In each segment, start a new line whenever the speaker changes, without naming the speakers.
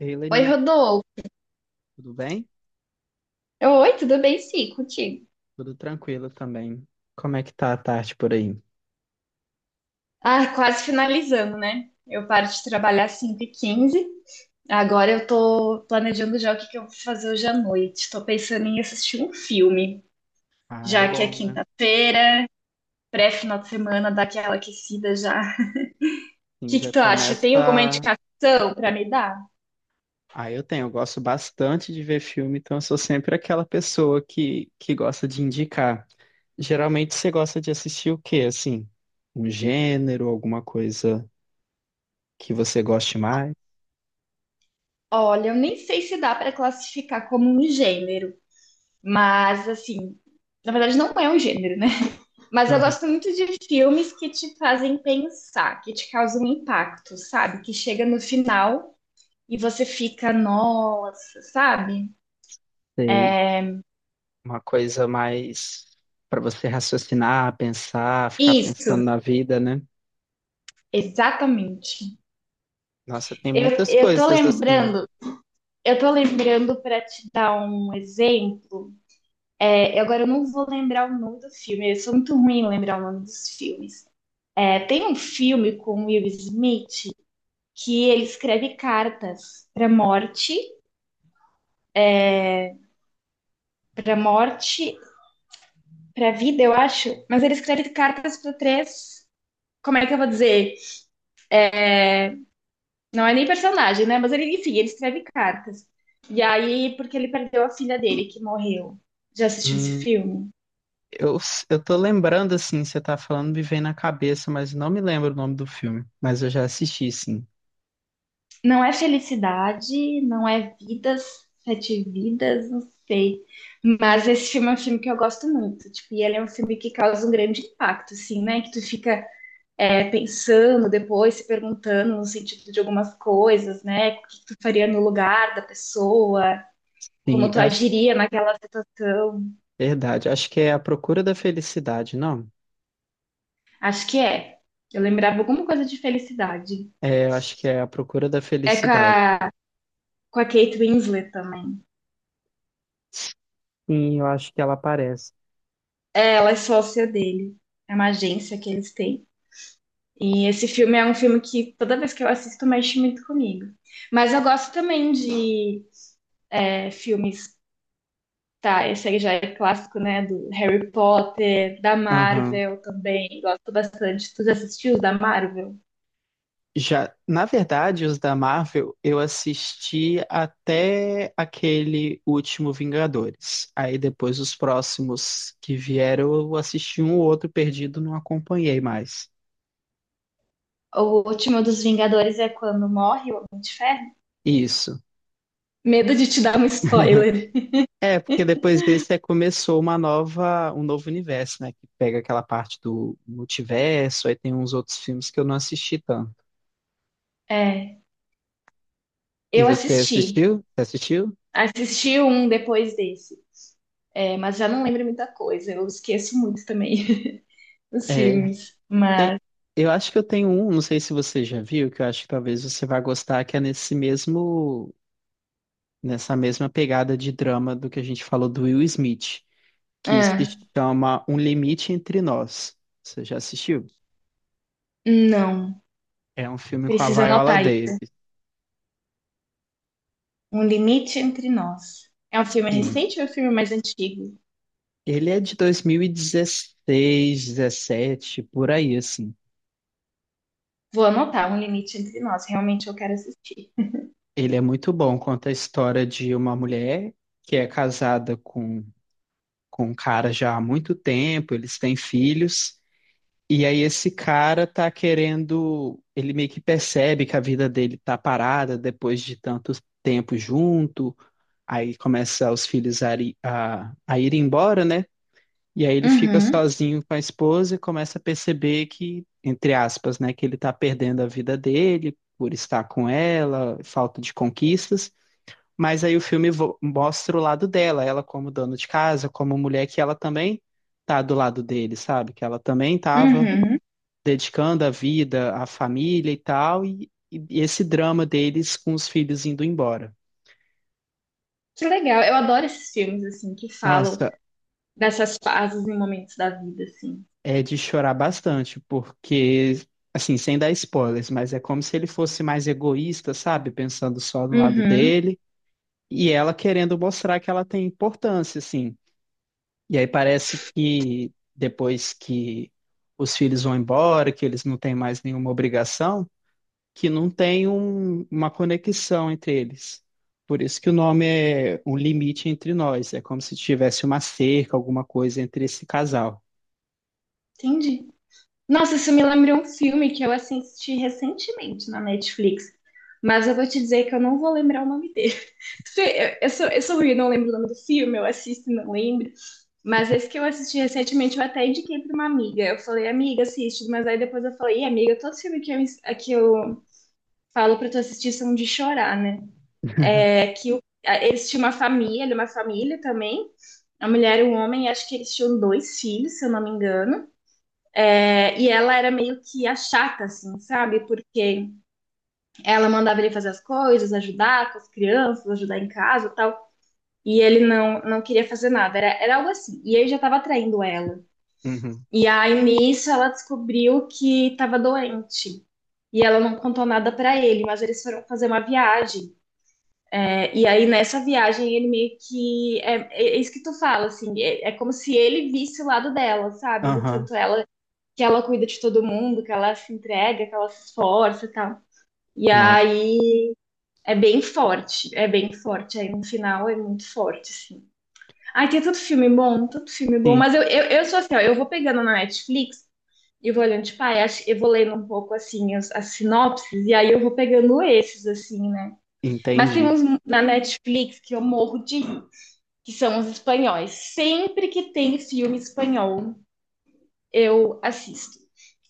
Ei,
Oi,
Leni,
Rodolfo.
tudo bem?
Oi, tudo bem? Sim, contigo.
Tudo tranquilo também. Como é que tá a tarde por aí?
Ah, quase finalizando, né? Eu paro de trabalhar às 5h15. Agora eu tô planejando já o que eu vou fazer hoje à noite. Tô pensando em assistir um filme,
Ah, é
já que é
bom, né?
quinta-feira, pré-final de semana, dá aquela aquecida já. O
Sim,
que
já
que tu acha? Tem alguma
começa.
indicação pra me dar?
Ah, eu tenho, eu gosto bastante de ver filme, então eu sou sempre aquela pessoa que gosta de indicar. Geralmente você gosta de assistir o quê, assim? Um gênero, alguma coisa que você goste mais?
Olha, eu nem sei se dá pra classificar como um gênero, mas assim, na verdade não é um gênero, né? Mas eu
Aham.
gosto muito de filmes que te fazem pensar, que te causam impacto, sabe? Que chega no final e você fica, nossa, sabe?
Sei. Uma coisa mais para você raciocinar, pensar, ficar pensando
Isso,
na vida, né?
exatamente.
Nossa, tem
Eu,
muitas
eu tô
coisas assim.
lembrando, eu tô lembrando para te dar um exemplo. Agora eu não vou lembrar o nome do filme, eu sou muito ruim em lembrar o nome dos filmes. Tem um filme com Will Smith que ele escreve cartas pra morte, pra morte pra vida, eu acho. Mas ele escreve cartas para três. Como é que eu vou dizer? Não é nem personagem, né? Mas ele, enfim, ele escreve cartas. E aí, porque ele perdeu a filha dele, que morreu. Já assistiu esse
Hum,
filme?
Eu, eu tô lembrando, assim, você tá falando, me vem na cabeça, mas não me lembro o nome do filme. Mas eu já assisti, sim.
Não é felicidade, não é vidas, sete vidas, não sei. Mas esse filme é um filme que eu gosto muito. Tipo, e ele é um filme que causa um grande impacto, assim, né? Que tu fica pensando depois, se perguntando no sentido de algumas coisas, né? O que tu faria no lugar da pessoa,
Sim,
como tu
acho,
agiria naquela situação.
verdade. Acho que é A Procura da Felicidade, não?
Acho que é. Eu lembrava alguma coisa de felicidade.
É, eu acho que é A Procura da
É
Felicidade.
com a Kate Winslet também.
Sim, eu acho que ela aparece.
Ela é sócia dele. É uma agência que eles têm. E esse filme é um filme que toda vez que eu assisto mexe muito comigo. Mas eu gosto também de filmes, tá? Esse aí já é clássico, né? Do Harry Potter, da
Aham.
Marvel também. Gosto bastante. Tu já assistiu os da Marvel?
Já, na verdade, os da Marvel, eu assisti até aquele último Vingadores. Aí depois os próximos que vieram, eu assisti um ou outro perdido, não acompanhei mais.
O último dos Vingadores é quando morre o Homem de Ferro.
Isso.
Medo de te dar um spoiler.
É, porque depois desse é, começou uma nova, um novo universo, né? Que pega aquela parte do multiverso, aí tem uns outros filmes que eu não assisti tanto.
É,
E
eu
você
assisti.
assistiu? Você assistiu?
Assisti um depois desse. É, mas já não lembro muita coisa. Eu esqueço muito também os
É,
filmes.
tem,
Mas.
eu acho que eu tenho um, não sei se você já viu, que eu acho que talvez você vá gostar, que é nesse mesmo, nessa mesma pegada de drama do que a gente falou do Will Smith, que se
Ah,
chama Um Limite Entre Nós. Você já assistiu?
não.
É um filme com a
Precisa
Viola
anotar isso.
Davis.
Um Limite Entre Nós. É um filme
Sim.
recente ou é um filme mais antigo?
Ele é de 2016, 2017, por aí, assim.
Vou anotar Um Limite Entre Nós. Realmente eu quero assistir.
Ele é muito bom, conta a história de uma mulher que é casada com um cara já há muito tempo, eles têm filhos, e aí esse cara tá querendo, ele meio que percebe que a vida dele tá parada depois de tanto tempo junto, aí começa os filhos a ir embora, né? E aí ele fica
Uhum,
sozinho com a esposa e começa a perceber que, entre aspas, né, que ele está perdendo a vida dele por estar com ela, falta de conquistas. Mas aí o filme vo- mostra o lado dela, ela como dona de casa, como mulher que ela também tá do lado dele, sabe? Que ela também tava
uhum.
dedicando a vida, à família e tal, e esse drama deles com os filhos indo embora.
Que legal. Eu adoro esses filmes, assim, que falam
Nossa,
dessas fases e momentos da vida, assim.
é de chorar bastante, porque, assim, sem dar spoilers, mas é como se ele fosse mais egoísta, sabe? Pensando só no lado
Uhum.
dele, e ela querendo mostrar que ela tem importância, assim. E aí parece que depois que os filhos vão embora, que eles não têm mais nenhuma obrigação, que não tem um- uma conexão entre eles. Por isso que o nome é Um Limite Entre Nós. É como se tivesse uma cerca, alguma coisa entre esse casal.
Entendi. Nossa, isso me lembrou um filme que eu assisti recentemente na Netflix. Mas eu vou te dizer que eu não vou lembrar o nome dele. Se- Eu sou, eu sou ruim, eu não lembro o nome do filme, eu assisto e não lembro. Mas esse que eu assisti recentemente, eu até indiquei para uma amiga. Eu falei, amiga, assiste. Mas aí depois eu falei, "Ih, amiga, todo os filmes que eu, ins- que eu falo para tu assistir são de chorar, né?" É que o- a- eles tinham uma família, ele é uma família também. A mulher e um homem, acho que eles tinham dois filhos, se eu não me engano. É, e ela era meio que a chata, assim, sabe? Porque ela mandava ele fazer as coisas, ajudar com as crianças, ajudar em casa e tal. E ele não queria fazer nada, era algo assim. E ele já estava traindo ela.
Uhum.
E aí, nisso, ela descobriu que estava doente. E ela não contou nada para ele, mas eles foram fazer uma viagem. E aí, nessa viagem, ele meio que. É isso que tu fala, assim. É como se ele visse o lado dela, sabe? Do
Aham.
tanto ela que ela cuida de todo mundo, que ela se entrega, que ela se esforça e tal. E
Nossa.
aí é bem forte, é bem forte. Aí no final é muito forte, sim. Ai, tem tanto filme bom, tanto filme bom.
Sim,
Mas eu sou assim, ó, eu vou pegando na Netflix e vou olhando, tipo, ai, acho- eu vou lendo um pouco, assim, as sinopses, e aí eu vou pegando esses, assim, né? Mas tem
entendi.
uns na Netflix que eu morro de rir, que são os espanhóis. Sempre que tem filme espanhol, eu assisto,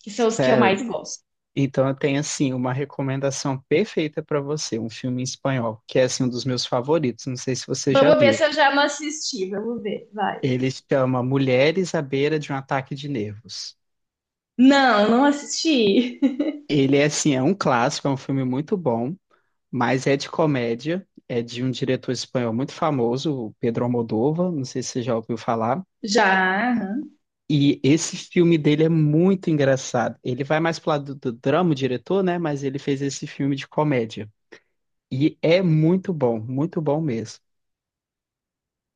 que são os que eu
Sério.
mais gosto.
Então eu tenho assim uma recomendação perfeita para você, um filme em espanhol, que é assim um dos meus favoritos, não sei se você já
Vamos ver
viu.
se eu já não assisti, vamos ver, vai.
Ele se chama Mulheres à beira de um ataque de nervos.
Não, não assisti.
Ele é assim, é um clássico, é um filme muito bom, mas é de comédia, é de um diretor espanhol muito famoso, o Pedro Almodóvar, não sei se você já ouviu falar.
Já.
E esse filme dele é muito engraçado. Ele vai mais pro lado do drama, o diretor, né? Mas ele fez esse filme de comédia. E é muito bom mesmo.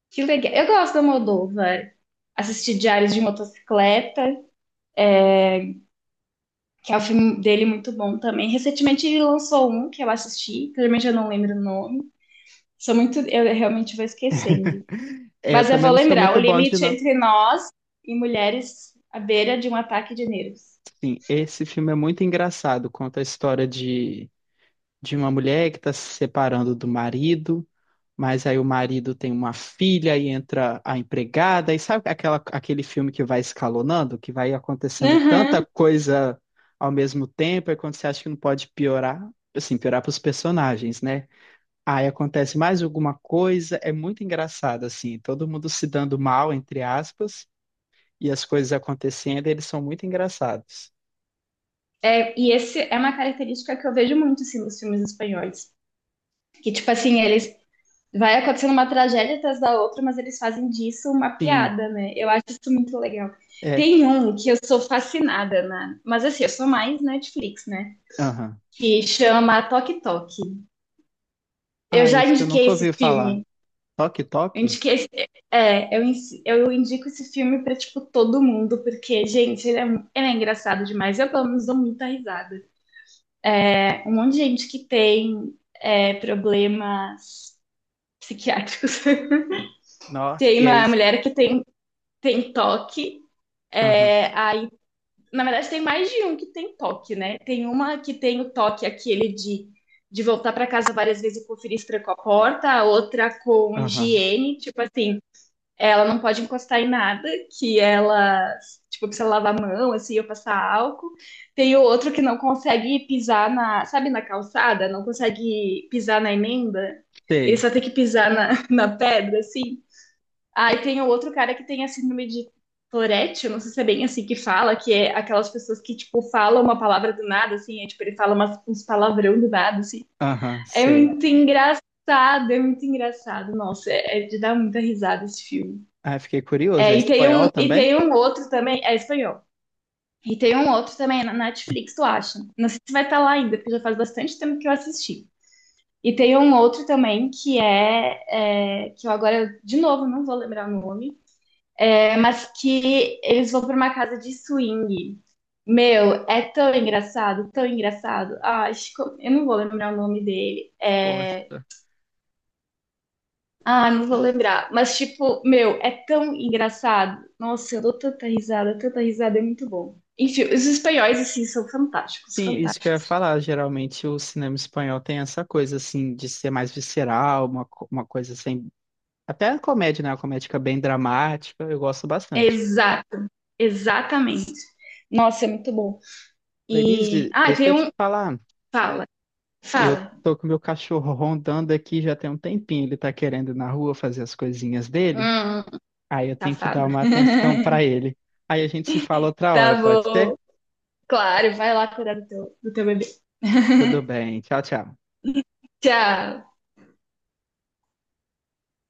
Que legal. Eu gosto do Almodóvar. Assisti Diários de Motocicleta, que é o filme dele muito bom também. Recentemente ele lançou um que eu assisti, que realmente eu não lembro o nome. Sou muito, eu realmente vou esquecendo.
É, eu
Mas eu
também
vou
não sou
lembrar,
muito
O
bom de.
Limite
No-
Entre Nós e Mulheres à Beira de um Ataque de Nervos.
sim, esse filme é muito engraçado. Conta a história de uma mulher que está se separando do marido, mas aí o marido tem uma filha e entra a empregada. E sabe aquela, aquele filme que vai escalonando, que vai acontecendo tanta
Uhum.
coisa ao mesmo tempo, e quando você acha que não pode piorar, assim, piorar para os personagens, né? Aí acontece mais alguma coisa, é muito engraçado, assim, todo mundo se dando mal, entre aspas, e as coisas acontecendo, eles são muito engraçados.
É, e esse é uma característica que eu vejo muito assim, nos filmes espanhóis. Que, tipo assim, eles vai acontecendo uma tragédia atrás da outra, mas eles fazem disso uma
Sim,
piada, né? Eu acho isso muito legal.
é,
Tem um que eu sou fascinada, né? Mas assim, eu sou mais Netflix, né?
aham.
Que chama Toque Toque. Eu
Ah,
já
isso eu
indiquei
nunca
esse
ouvi falar.
filme.
Toque,
Eu
toque?
indiquei esse- eu indico esse filme pra, tipo, todo mundo, porque, gente, ele é, mu- ele é engraçado demais. Eu, pelo menos, dou muita risada. É, um monte de gente que tem problemas psiquiátricos.
Nossa,
Tem
e aí,
uma mulher que tem, tem toque.
aham,
É, aí, na verdade, tem mais de um que tem toque, né? Tem uma que tem o toque aquele de voltar para casa várias vezes e conferir se trancou a porta, a outra com
aham,
higiene, tipo assim, ela não pode encostar em nada, que ela, tipo, precisa lavar a mão, assim, ou passar álcool. Tem o outro que não consegue pisar na, sabe, na calçada, não consegue pisar na emenda, ele
sei,
só tem que pisar na, na pedra, assim. Ah, e tem o outro cara que tem a síndrome de Tourette, eu não sei se é bem assim que fala, que é aquelas pessoas que, tipo, falam uma palavra do nada, assim, tipo, ele fala umas, uns palavrão do nada, assim.
aham,
É
sei.
muito engraçado, é muito engraçado. Nossa, é de dar muita risada esse filme.
Ah, fiquei curioso, é espanhol
E
também?
tem um outro também, é espanhol. E tem um outro também na Netflix, tu acha? Não sei se vai estar lá ainda, porque já faz bastante tempo que eu assisti. E tem um outro também é que eu agora de novo não vou lembrar o nome, é, mas que eles vão pra uma casa de swing. Meu, é tão engraçado, tão engraçado. Ah, acho que eu não vou lembrar o nome dele. É...
Poxa.
Ah, não vou lembrar. Mas, tipo, meu, é tão engraçado. Nossa, eu dou tanta risada, é muito bom. Enfim, os espanhóis, assim, são fantásticos,
Sim, isso que eu ia
fantásticos.
falar, geralmente o cinema espanhol tem essa coisa, assim, de ser mais visceral, uma, co- uma coisa assim, até a comédia, né? Uma comédia bem dramática, eu gosto bastante.
Exato, exatamente. Nossa, é muito bom. E.
Lenise,
Ah,
deixa
tem
eu te
um.
falar.
Fala,
Eu
fala.
tô com meu cachorro rondando aqui já tem um tempinho. Ele tá querendo ir na rua fazer as coisinhas dele.
Hum,
Aí eu tenho que dar
safado.
uma atenção pra ele. Aí a gente se fala outra hora,
Tá
pode ser?
bom. Claro, vai lá cuidar do do teu bebê.
Tudo bem. Tchau, tchau.
Tchau.